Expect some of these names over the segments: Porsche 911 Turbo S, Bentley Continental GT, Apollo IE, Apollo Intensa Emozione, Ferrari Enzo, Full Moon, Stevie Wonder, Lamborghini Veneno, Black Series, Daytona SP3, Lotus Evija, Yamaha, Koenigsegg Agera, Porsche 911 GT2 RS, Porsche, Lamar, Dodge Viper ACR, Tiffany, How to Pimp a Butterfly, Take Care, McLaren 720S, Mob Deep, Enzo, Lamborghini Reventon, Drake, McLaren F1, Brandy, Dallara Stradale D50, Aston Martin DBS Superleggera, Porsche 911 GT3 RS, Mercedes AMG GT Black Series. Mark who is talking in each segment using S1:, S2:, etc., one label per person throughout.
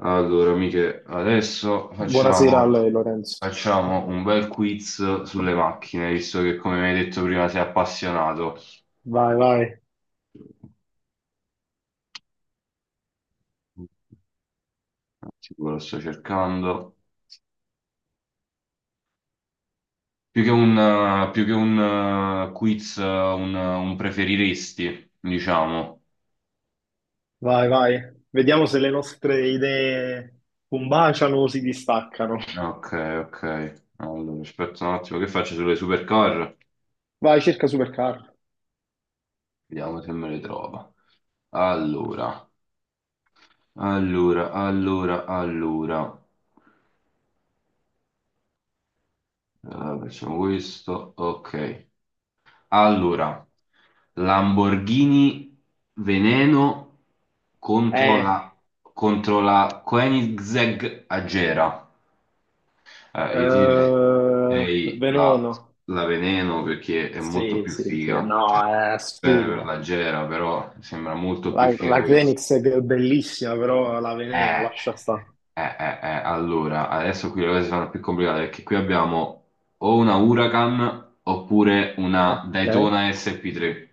S1: Allora, amiche, adesso
S2: Buonasera a
S1: facciamo,
S2: lei, Lorenzo.
S1: facciamo un bel quiz sulle macchine, visto che come mi hai detto prima sei appassionato.
S2: Vai, vai,
S1: Sicuro lo sto cercando. Più che un quiz, un preferiresti, diciamo.
S2: vai, vai. Vediamo se le nostre idee combaciano o si distaccano.
S1: Ok, ok. Allora, aspetta un attimo, che faccio sulle supercar?
S2: Vai, cerca supercar.
S1: Vediamo se me le trova. Allora, allora, allora, allora. Eh, facciamo questo. Ok. Allora, Lamborghini Veneno contro
S2: Eh,
S1: la, contro la Koenigsegg Agera. Io ti direi direi la,
S2: Veneno.
S1: la Veneno perché è molto
S2: Sì,
S1: più
S2: sì, sì.
S1: figa. Cioè,
S2: No, è
S1: bene per
S2: assurda.
S1: l'Agera, però sembra molto
S2: La,
S1: più figa
S2: la
S1: questa.
S2: Xenix è bellissima, però la Veneno,
S1: Eh,
S2: lascia stare.
S1: allora, adesso qui le cose sono più complicate perché qui abbiamo o una Huracan oppure una
S2: Ok.
S1: Daytona SP3.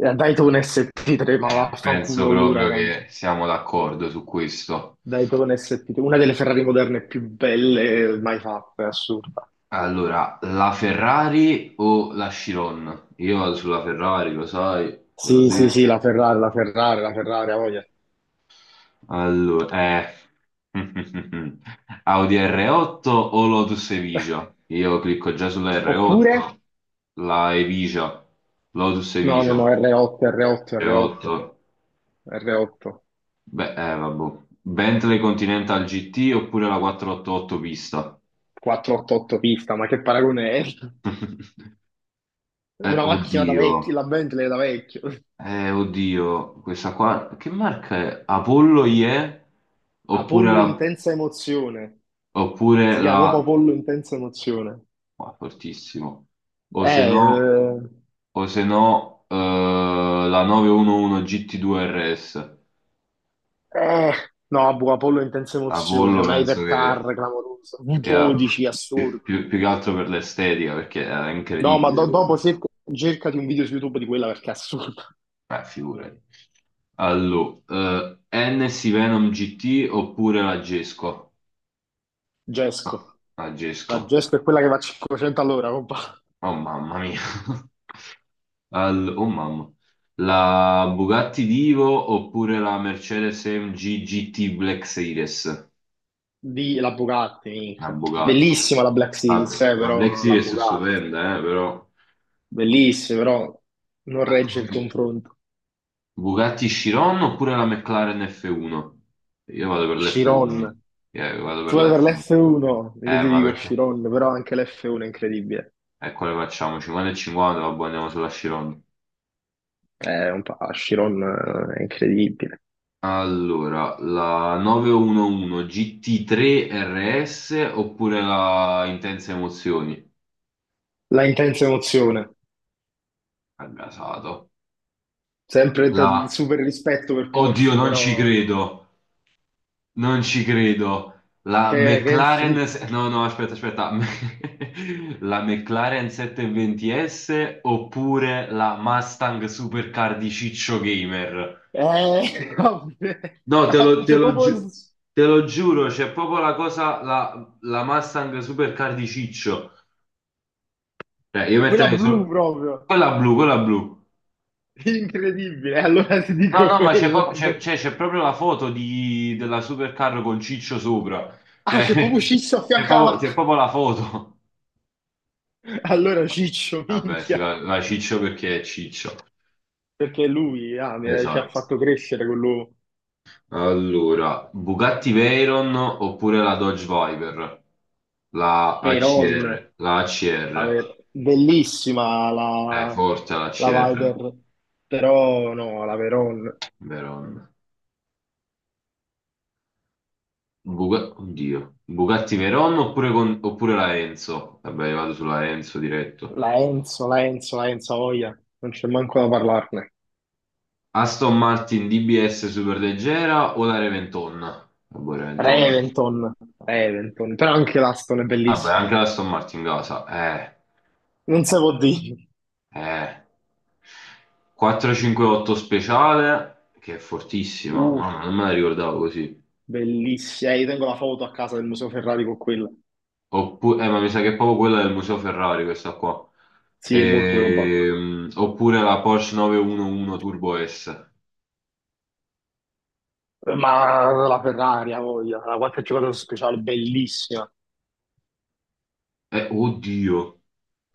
S2: Dai tu un SP3, ma
S1: Penso
S2: vaffanculo
S1: proprio
S2: l'Huracan.
S1: che siamo d'accordo su questo.
S2: Dai tu un SP3, una delle Ferrari moderne più belle mai fatte, è assurda.
S1: Allora, la Ferrari o la Chiron? Io vado sulla Ferrari, lo sai, te l'ho
S2: Sì, sì, sì,
S1: detto.
S2: la Ferrari, la Ferrari, la Ferrari, ha voglia.
S1: Allora. Audi R8 o Lotus Evija? Io clicco già sulla
S2: Oppure?
S1: R8, la Evija, Lotus
S2: No, no, no,
S1: Evija,
S2: R8, R8, R8,
S1: R8.
S2: R8.
S1: Beh, vabbè. Bentley Continental GT oppure la 488 pista?
S2: 488 pista, ma che paragone è?
S1: Eh,
S2: Una macchina da vecchio,
S1: oddio.
S2: la Bentley da vecchio.
S1: Oddio, questa qua, che marca è? Apollo IE? Oppure
S2: Apollo
S1: la...
S2: intensa emozione, si
S1: Oppure
S2: chiama proprio
S1: la...
S2: Apollo intensa emozione.
S1: Qua, fortissimo. O se
S2: Eh,
S1: no,
S2: eh,
S1: o se no La 911 GT2 RS.
S2: eh, no, boh, Apollo intensa emozione,
S1: Apollo
S2: un
S1: penso che
S2: hypercar clamoroso,
S1: sia
S2: V12 assurdo.
S1: più, più- più che altro per l'estetica, perché era
S2: No, ma
S1: incredibile quello.
S2: dopo cercati un video su YouTube di quella perché è assurdo.
S1: Figurati. Allora, NS Venom GT oppure la Gesco? Ah,
S2: Gesco.
S1: la
S2: La
S1: Gesco.
S2: Gesto è quella che va a 500 all'ora, compa.
S1: Oh, mamma mia. Oh mamma, la Bugatti Divo oppure la Mercedes AMG GT Black Series?
S2: Di la Bugatti,
S1: La
S2: minchia.
S1: Bugatti.
S2: Bellissima la Black Series,
S1: Ah, la Black
S2: però la
S1: Series è
S2: Bugatti.
S1: stupenda, però.
S2: Bellissima, però non
S1: Ah,
S2: regge il confronto.
S1: Bugatti Chiron oppure la McLaren F1? Io vado per l'F1.
S2: Chiron.
S1: Io vado per
S2: Tu vai per
S1: l'F1.
S2: l'F1, io
S1: Eh,
S2: ti
S1: ma
S2: dico
S1: perché?
S2: Chiron, però anche l'F1 è incredibile.
S1: E quale facciamo? 50 e 50, vabbè, andiamo sulla Chiron.
S2: È un po', Chiron è incredibile.
S1: Allora, la 911 GT3 RS oppure la Intense Emozioni?
S2: La intensa emozione.
S1: Al gasato.
S2: Sempre
S1: La...
S2: super rispetto per
S1: Oddio,
S2: Porsche,
S1: non ci
S2: però...
S1: credo. Non ci credo. La
S2: Che
S1: McLaren...
S2: sì.
S1: se- No, no, aspetta, aspetta. La McLaren 720S oppure la Mustang Supercar di Ciccio Gamer?
S2: Vabbè.
S1: No, te
S2: Ah,
S1: lo, te
S2: c'è
S1: lo
S2: proprio
S1: giu- te lo giuro, c'è proprio la cosa, la Mustang Supercar di Ciccio. Cioè, io
S2: quella
S1: metterei
S2: blu
S1: solo.
S2: proprio.
S1: Quella blu, quella blu.
S2: Incredibile, allora ti
S1: No,
S2: dico
S1: no, ma c'è
S2: quella.
S1: po- c'è- c'è- c'è proprio la foto della supercar con Ciccio sopra. Cioè,
S2: Ah, se proprio Cisso a
S1: c'è
S2: fianco alla
S1: proprio, c'è
S2: macchina.
S1: proprio la foto.
S2: Allora Ciccio,
S1: Vabbè,
S2: minchia.
S1: va Ciccio perché è Ciccio.
S2: Perché lui ah, ci ha
S1: Esatto.
S2: fatto crescere quello.
S1: Allora, Bugatti Veyron oppure la Dodge Viper? La
S2: Veyron.
S1: ACR. La
S2: La
S1: ACR.
S2: Bellissima
S1: È
S2: la...
S1: forte la
S2: la
S1: ACR.
S2: Viper. Però no, la Veyron.
S1: Veron. Oddio. Bugatti Veyron oppure la Enzo? Vabbè, io vado sulla Enzo diretto.
S2: La Enzo, la Enzo, la Enzo Oia. Non c'è manco da parlarne.
S1: Aston Martin DBS superleggera o la Reventon? Vabbè, Reventon.
S2: Reventon, Reventon. Però anche l'Aston è
S1: Vabbè,
S2: bellissima.
S1: anche la Aston Martin casa.
S2: Non si può dire.
S1: Eh. 458 speciale, che è fortissima.
S2: Uh.
S1: Mamma, non me la ricordavo così.
S2: Bellissima, eh, io tengo la foto a casa del Museo Ferrari con quella.
S1: Oppure, ma mi sa che è proprio quella del Museo Ferrari, questa qua.
S2: Sì, è molto probabile.
S1: Oppure la Porsche 911 Turbo S.
S2: Ma la Ferrari, ha voglia, la qualche giocatore speciale, bellissima.
S1: Oddio.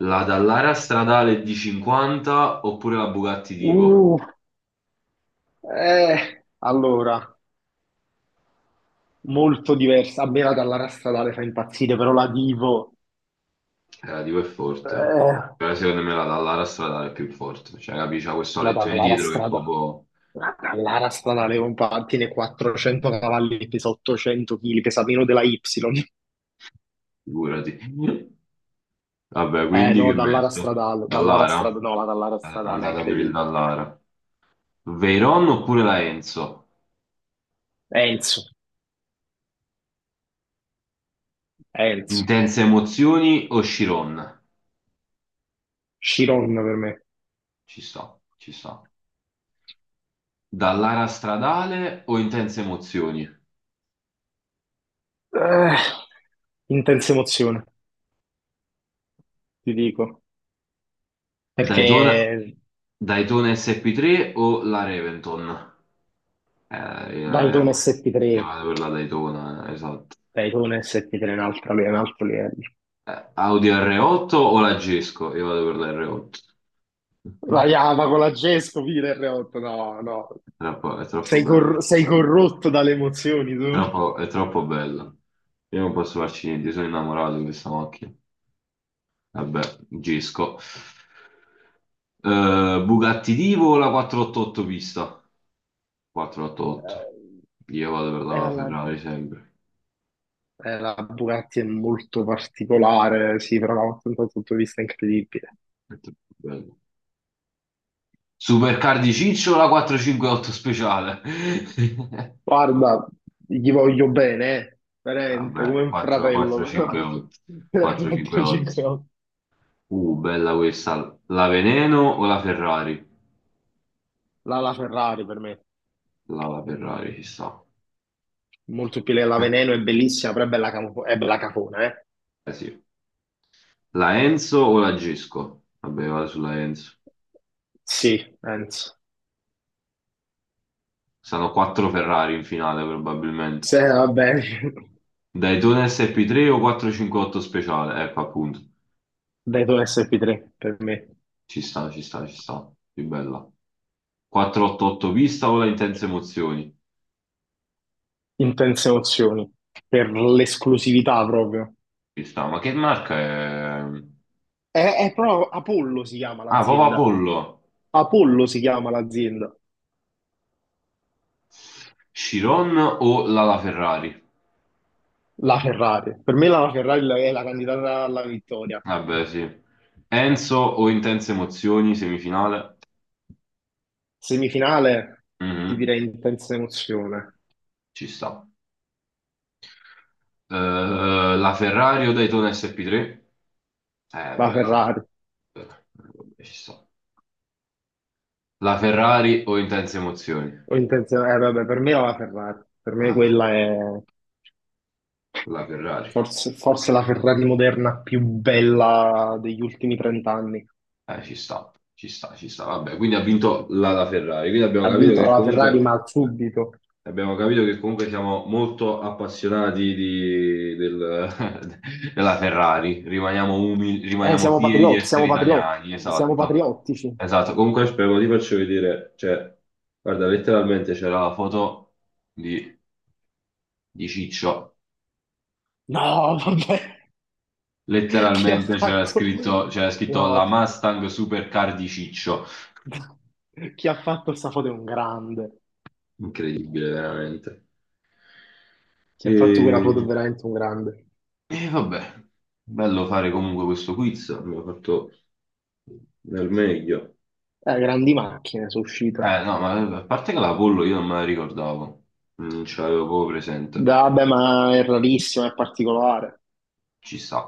S1: La Dallara stradale D50 oppure la Bugatti Divo?
S2: Uh, allora, molto diversa. A me la Dallara Stradale fa impazzire, però la Divo,
S1: Relativo e forte.
S2: eh,
S1: Però secondo me la Dallara stradale è più forte. Cioè, capisci, c'ha questo
S2: la
S1: alettone
S2: Dallara
S1: dietro che è
S2: Stradale,
S1: proprio.
S2: la Dallara Stradale, compa, tiene 400 cavalli, pesa 800 kg, pesa meno della Y.
S1: Figurati. Vabbè, quindi che
S2: No, Dallara
S1: metto?
S2: Stradale, Dallara
S1: Dallara?
S2: Stradale, no, la Dallara Stradale è
S1: Andata per il
S2: incredibile.
S1: Dallara. Veyron oppure la Enzo?
S2: Enzo, Enzo.
S1: Intense emozioni o Chiron?
S2: Chiron per me.
S1: Ci sta, ci sta. Dallara stradale o intense emozioni?
S2: Eh, intensa emozione, ti dico. Perché
S1: Daytona, Daytona SP3 o la Reventon? Eh, io,
S2: Daytona
S1: io-
S2: SP3,
S1: io vado per la Daytona, esatto.
S2: Daytona SP3 è un altro livello.
S1: Audi R8 o la Gesco? Io vado per la R8.
S2: La Yamaha con la Gesco, fine R8, no, no.
S1: È troppo
S2: Sei,
S1: bello.
S2: sei corrotto dalle emozioni, tu.
S1: È troppo bello. Io non posso farci niente, sono innamorato di questa macchina. Vabbè, Gesco. Bugatti Divo o la 488 pista? 488.
S2: Eh,
S1: Io vado per
S2: eh,
S1: la
S2: la,
S1: Ferrari sempre.
S2: la Bugatti è molto particolare, sì, però da un punto di vista incredibile.
S1: È troppo bello. Supercar di Ciccio o la 458 speciale?
S2: Guarda, gli voglio bene, eh. Veramente, come
S1: Vabbè,
S2: un fratello. Però-
S1: 458.
S2: veramente ci
S1: 458.
S2: credo.
S1: Bella questa. La Veneno o la Ferrari?
S2: La Ferrari per me,
S1: La Ferrari, ci sta.
S2: molto più la Veneno è bellissima, però è bella, è bella cafona, eh?
S1: Eh sì. La Enzo o la Gisco? Vabbè, vado sulla Enzo.
S2: Sì, penso.
S1: Saranno quattro Ferrari in finale probabilmente.
S2: Se va bene,
S1: Daytona SP3 o 458 speciale? Ecco, appunto.
S2: Dato SP3 per me,
S1: Ci sta, ci sta, ci sta. Più bella. 488 pista o la Intense Emozioni?
S2: intense emozioni, per l'esclusività proprio.
S1: Ci sta. Ma che marca è?
S2: È proprio Apollo si chiama
S1: Ah, Papa
S2: l'azienda.
S1: Pollo.
S2: Apollo si chiama l'azienda.
S1: Chiron o la Ferrari?
S2: La Ferrari, per me la Ferrari è la candidata alla vittoria.
S1: Vabbè, sì. Enzo o intense emozioni, semifinale.
S2: Semifinale, ti
S1: Mhm.
S2: direi intensa emozione.
S1: Ci sta. Eh, la Ferrari o Daytona SP3? Eh,
S2: La
S1: bella.
S2: Ferrari.
S1: Bella. Vabbè, ci sta. La Ferrari o intense emozioni?
S2: O intensa... vabbè, per me è la Ferrari. Per me
S1: La,
S2: quella è
S1: la Ferrari.
S2: forse, forse la Ferrari moderna più bella degli ultimi 30 anni.
S1: Ci sta, ci sta, ci sta. Vabbè, quindi ha vinto la Ferrari.
S2: Ha vinto la Ferrari, ma subito.
S1: Abbiamo capito che comunque siamo molto appassionati della Ferrari, rimaniamo umili, rimaniamo
S2: Siamo
S1: fieri di
S2: patriotti, siamo
S1: essere italiani,
S2: patriotti, siamo
S1: esatto.
S2: patriottici.
S1: Esatto, comunque spero ti faccio vedere, cioè, guarda, letteralmente c'era la foto di, di Ciccio,
S2: No, vabbè, chi ha
S1: letteralmente c'era
S2: fatto...
S1: scritto, c'era scritto
S2: No,
S1: la
S2: chi,
S1: Mustang Supercar di Ciccio,
S2: chi ha fatto questa foto è un grande.
S1: incredibile veramente.
S2: Chi ha fatto quella foto è
S1: E...
S2: veramente un grande.
S1: E vabbè, bello fare comunque questo quiz, abbiamo fatto del meglio.
S2: Grandi macchine sono
S1: Eh
S2: uscite.
S1: no, ma a parte che la pollo io non me la ricordavo, non ce l'avevo proprio presente.
S2: Vabbè, ma è rarissimo, è particolare.
S1: Ci sta.